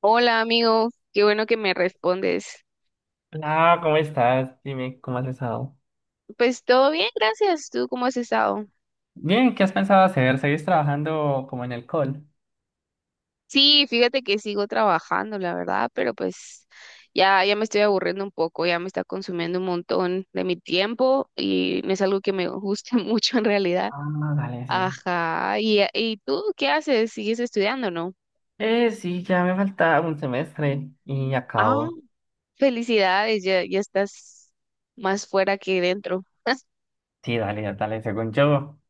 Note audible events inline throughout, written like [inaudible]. Hola amigo, qué bueno que me respondes. Hola, ¿cómo estás? Dime, ¿cómo has estado? Pues todo bien, gracias. ¿Tú cómo has estado? Bien, ¿qué has pensado hacer? ¿Seguís trabajando como en el call? Sí, fíjate que sigo trabajando, la verdad, pero pues ya, ya me estoy aburriendo un poco, ya me está consumiendo un montón de mi tiempo y no es algo que me guste [laughs] mucho en realidad. Ah, dale, sí. Ajá, ¿y tú qué haces? ¿Sigues estudiando, no? Sí, ya me falta un semestre y Ah, acabo. felicidades, ya, ya estás más fuera que dentro. [laughs] Sí, dale, ya dale. Según yo,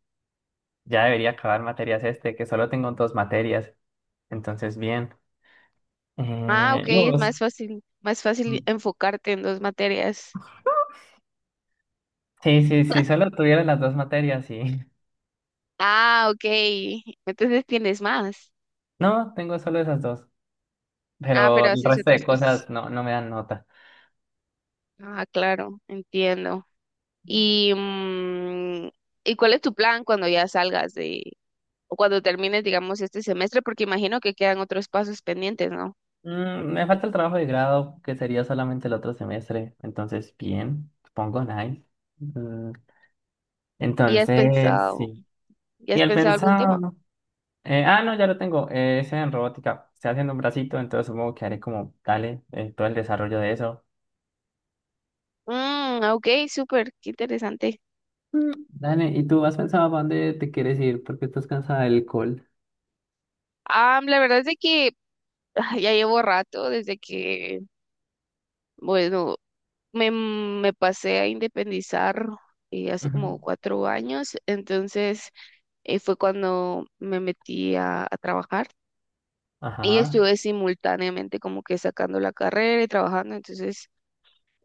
ya debería acabar materias este, que solo tengo dos materias. Entonces, bien. Ah, ok, ¿Y es vos? Más fácil Mm. enfocarte en dos materias. Sí, solo tuviera las dos materias, sí. [laughs] Ah, ok. Entonces tienes más. No, tengo solo esas dos. Ah, Pero pero el haces resto otras de cosas. cosas no me dan nota. Ah, claro, entiendo. Y, ¿y cuál es tu plan cuando ya salgas o cuando termines, digamos, este semestre? Porque imagino que quedan otros pasos pendientes, ¿no? Mm, me falta el trabajo de grado, que sería solamente el otro semestre. Entonces, bien, supongo, nice. Mm, ¿Y has entonces, pensado, sí. ya Y has al pensado algún pensar tema? No, ya lo tengo. Es en robótica. Estoy haciendo un bracito, entonces supongo que haré como, dale, todo el desarrollo de eso. Mm, ok, súper, qué interesante. Dale, ¿y tú has pensado para dónde te quieres ir? Porque estás cansada del alcohol. Ah, la verdad es de que ya llevo rato desde que, bueno, me pasé a independizar hace Ujú. como 4 años, entonces fue cuando me metí a trabajar y Ajá, estuve simultáneamente como que sacando la carrera y trabajando, entonces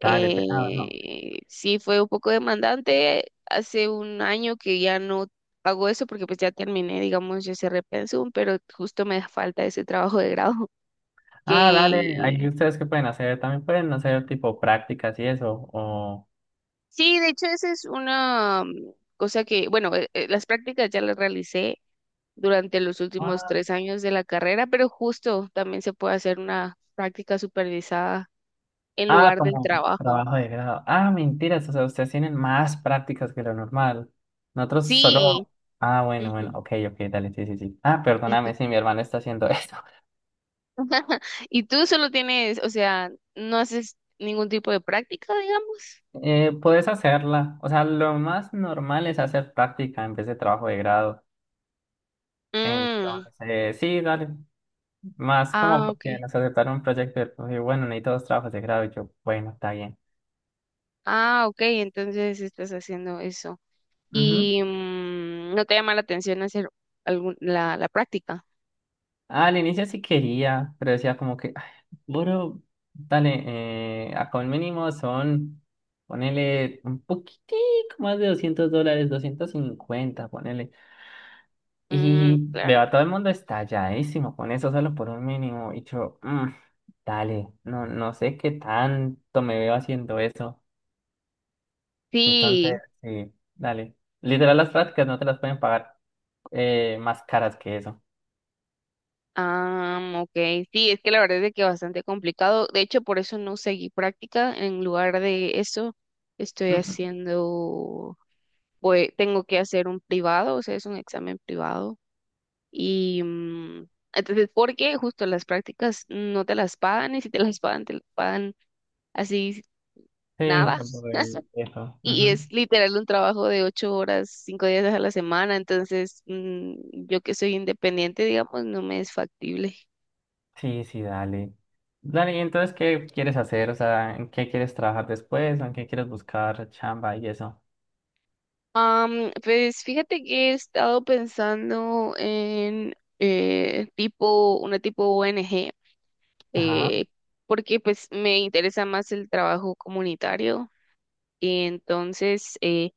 dale, pegado, no. sí fue un poco demandante. Hace un año que ya no hago eso porque pues ya terminé, digamos, yo cerré pensum, pero justo me falta ese trabajo de grado Ah, dale, que. ahí ustedes qué pueden hacer, también pueden hacer tipo prácticas y eso, o... Sí, de hecho, esa es una cosa que, bueno, las prácticas ya las realicé durante los últimos 3 años de la carrera, pero justo también se puede hacer una práctica supervisada en Ah, lugar del como trabajo. trabajo de grado. Ah, mentiras, o sea, ustedes tienen más prácticas que lo normal. Nosotros Sí. solo... Ah, bueno, bueno, Ujú. ok, ok, dale, sí. Ah, Y tú, perdóname si mi hermano está haciendo [laughs] esto. [laughs] y tú solo tienes, o sea, no haces ningún tipo de práctica, digamos. Puedes hacerla. O sea, lo más normal es hacer práctica en vez de trabajo de grado. Mm, Entonces, sí, dale. Más como ah, ok. porque nos aceptaron un proyecto y bueno, necesito dos trabajos de grado. Y yo, bueno, está bien. Ah, ok, entonces estás haciendo eso. Ujú. Y no te llama la atención hacer algún, la práctica. Ah, al inicio sí quería, pero decía como que, "Ay, bro, dale, acá un mínimo son, ponele un poquitico más de $200, 250 ponele." Mm, Y veo claro. a todo el mundo estalladísimo con eso solo por un mínimo. Y yo, "Mm, dale, no sé qué tanto me veo haciendo eso." Sí, Entonces, sí, dale. Literal, las prácticas no te las pueden pagar más caras que eso. ah, ok. Sí, es que la verdad es de que bastante complicado. De hecho, por eso no seguí práctica. En lugar de eso, estoy Ujú. haciendo, pues, tengo que hacer un privado, o sea, es un examen privado. Y entonces, porque justo las prácticas no te las pagan y si te las pagan, te las pagan así Sí, nada. por [laughs] eso. Y Ujú. es literal un trabajo de 8 horas, 5 días a la semana, entonces yo que soy independiente, digamos, no me es factible. Sí, sí, dale. Dale, ¿y entonces qué quieres hacer? O sea, ¿en qué quieres trabajar después? ¿O en qué quieres buscar chamba y eso? Am, pues fíjate que he estado pensando en tipo, una tipo ONG, Ajá. eh, porque pues me interesa más el trabajo comunitario. Y entonces,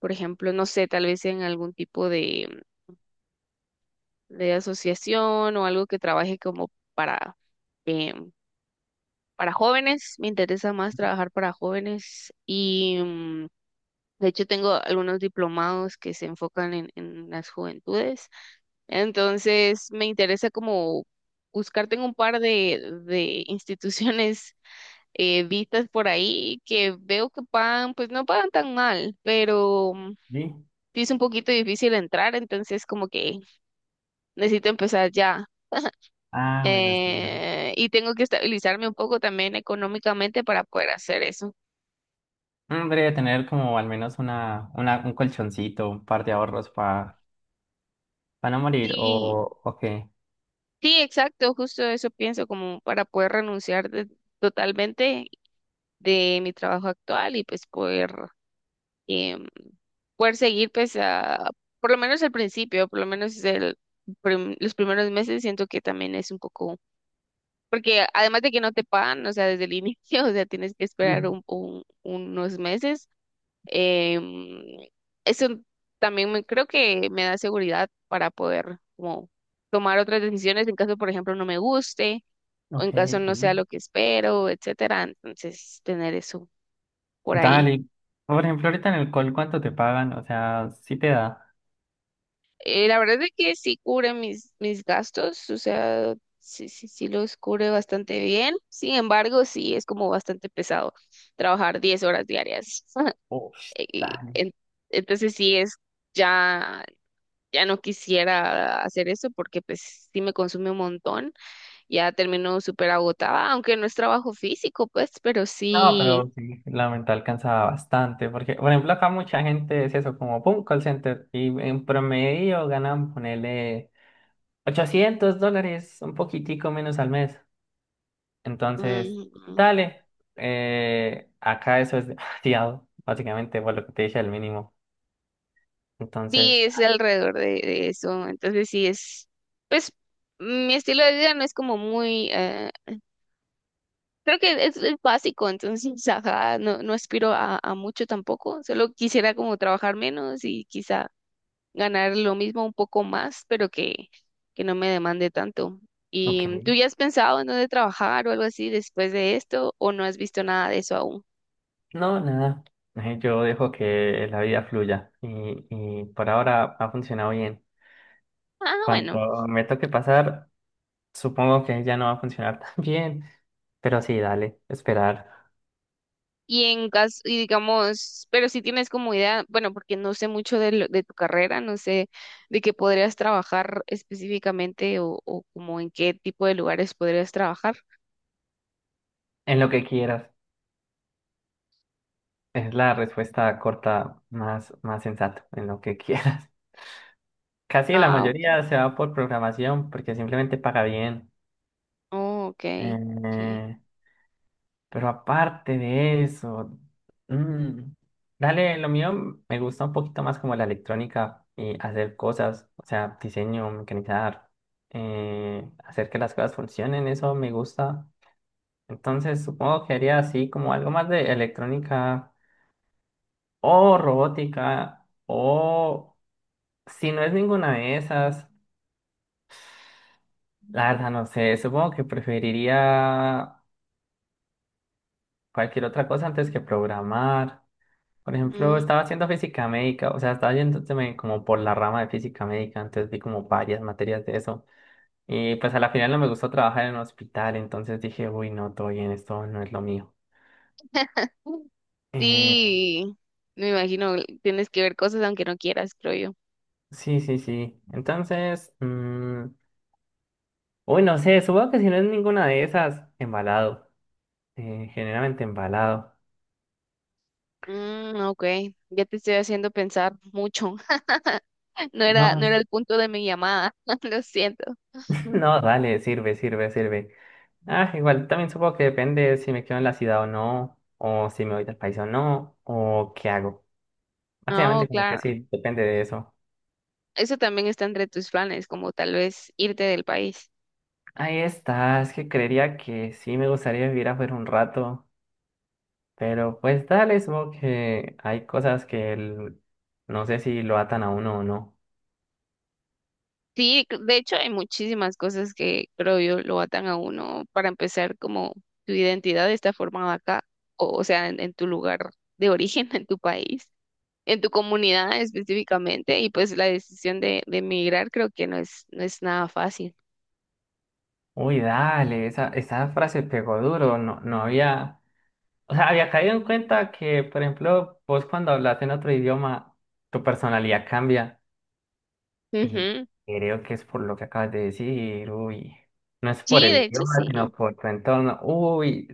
por ejemplo, no sé, tal vez en algún tipo de asociación o algo que trabaje como para em, para jóvenes, me interesa más trabajar para jóvenes y de hecho tengo algunos diplomados que se enfocan en las juventudes, entonces me interesa como buscar, tengo un par de instituciones vistas por ahí que veo que pagan, pues no pagan tan mal, pero Sí. sí es un poquito difícil entrar, entonces como que necesito empezar ya. Ah, bueno, sí, dale. Eh, y tengo que estabilizarme un poco también económicamente para poder hacer eso. Debería tener como al menos un colchoncito, un par de ahorros para no morir, Sí, o qué. sí, exacto, justo eso pienso, como para poder renunciar totalmente de mi trabajo actual y pues poder, em, poder seguir pues a, por lo menos al principio, por lo menos los primeros meses siento que también es un poco, porque además de que no te pagan, o sea, desde el inicio, [laughs] o sea, tienes que esperar Mm, unos meses, em, eso creo que me da seguridad para poder como tomar otras decisiones en caso, por ejemplo, no me guste o ok, en caso no sí. sea lo que espero, etcétera. Entonces, tener eso por ahí. Dale. Por ejemplo, ahorita en el call, ¿cuánto te pagan? O sea, sí te da. La verdad es que sí cubre mis, mis gastos, o sea, sí, sí, sí los cubre bastante bien. Sin embargo, sí es como bastante pesado trabajar 10 horas diarias. [laughs] Uf, Y dale. en- entonces, sí es, ya, ya no quisiera hacer eso porque pues sí me consume un montón. Ya termino súper agotada, aunque no es trabajo físico, pues, pero No, sí. pero sí, la mental cansaba bastante, porque, por ejemplo, acá mucha gente es eso, como, pum, call center, y en promedio ganan, ponele, $800, un poquitico menos al mes. Entonces, Mm, dale, acá eso es demasiado, [laughs] básicamente, por lo que te dije, el mínimo. sí, Entonces, es alrededor de eso. Entonces sí es, pues mi estilo de vida no es como muy, creo que es básico, entonces, [laughs] ajá, no, no aspiro a mucho tampoco. Solo quisiera como trabajar menos y quizá ganar lo mismo un poco más, pero que no me demande tanto. ok, ¿Y tú ya has pensado en dónde trabajar o algo así después de esto o no has visto nada de eso aún? no, nada, yo dejo que la vida fluya, y por ahora ha funcionado bien. Ah, bueno. Cuando me toque pasar... Supongo que ya no va a funcionar [laughs] tan bien, pero sí, dale, esperar Y en caso, y digamos, pero si tienes como idea, bueno, porque no sé mucho de, de tu carrera, no sé de qué podrías trabajar específicamente o como en qué tipo de lugares podrías trabajar. en lo que quieras. Es la respuesta corta más, más sensata, en lo que quieras. [laughs] Casi la Ah, ok. mayoría se va por programación porque simplemente paga bien. Oh, ok, ok. Eh, pero aparte de eso, mm, dale, lo mío me gusta un poquito más como la electrónica y hacer cosas, o sea, diseño, mecanizar, hacer que las cosas funcionen, eso me gusta. Entonces supongo que haría así como algo más de electrónica o robótica o si no es ninguna de esas, la verdad no sé, supongo que preferiría cualquier otra cosa antes que programar. Por ejemplo, Mm. estaba haciendo física médica, o sea, estaba yéndome como por la rama de física médica, entonces vi como varias materias de eso. Y pues a la final no me gustó trabajar en un hospital, entonces dije, uy, no, todo bien, esto no es lo mío. Eh, Sí, me imagino, tienes que ver cosas aunque no quieras, creo yo. Sí, sí, sí. Entonces, uy, no sé, supongo que si no es ninguna de esas, embalado. Generalmente embalado. Mm, ok, ya te estoy haciendo pensar mucho. [laughs] No era, no No, era el punto de mi llamada, [laughs] lo siento. [laughs] no, dale, sirve, sirve, sirve. Ah, igual también supongo que depende si me quedo en la ciudad o no, o si me voy del país o no, o qué hago. No, Básicamente como que claro. sí, depende de eso. Eso también está entre tus planes, como tal vez irte del país. Ahí está, es que creería que sí me gustaría vivir afuera un rato, pero pues dale, supongo que hay cosas que no sé si lo atan a uno o no. Sí, de hecho hay muchísimas cosas que creo yo lo atan a uno. Para empezar, como tu identidad está formada acá, o sea, en tu lugar de origen, [laughs] en tu país, en tu comunidad específicamente, y pues la decisión de emigrar creo que no es, no es nada fácil. Uy, dale, esa frase pegó duro, no había, o sea, había caído en cuenta que, por ejemplo, vos cuando hablas en otro idioma, tu personalidad cambia y Ujú. creo que es por lo que acabas de decir, uy, no es por Sí, el de hecho idioma, sino sí. por tu entorno,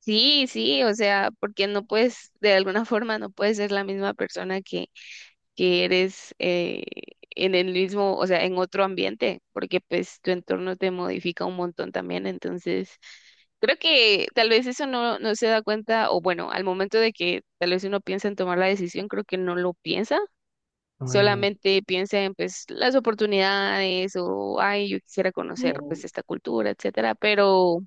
Sí, sí, o sea, porque no puedes, de alguna forma no puedes ser la misma persona que eres en el mismo, o sea, en otro ambiente, porque pues tu entorno te modifica un montón también, entonces creo que tal vez eso no, no se da cuenta, o bueno, al momento de que tal vez uno piensa en tomar la decisión, creo que no lo piensa, uy, solamente piensa en pues las oportunidades o, ay, yo quisiera conocer mm, pues esta cultura, etcétera, pero...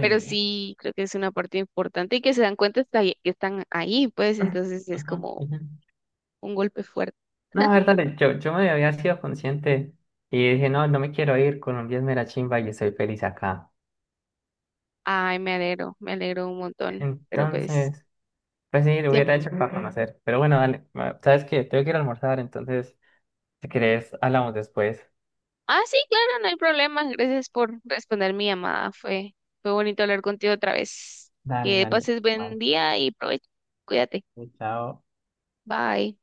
Pero sí, creo que es una parte importante y que se dan cuenta hasta que están ahí, pues entonces es Ujú, como ujú. un golpe fuerte. No, a ver, dale, yo me había sido consciente y dije, no me quiero ir, Colombia es mera chimba y estoy feliz acá. Ay, me alegro un montón. Pero pues, Entonces... Pues sí, lo hubiera siempre... hecho para conocer. Pero bueno, dale. ¿Sabes qué? Tengo que ir a almorzar, entonces, si querés, hablamos después. Ah, sí, claro, no hay problema. Gracias por responder mi llamada. Fue, fue bonito hablar contigo otra vez. Dale, Que dale. pases Vale. buen día y provecho. Cuídate. Chao. Bye.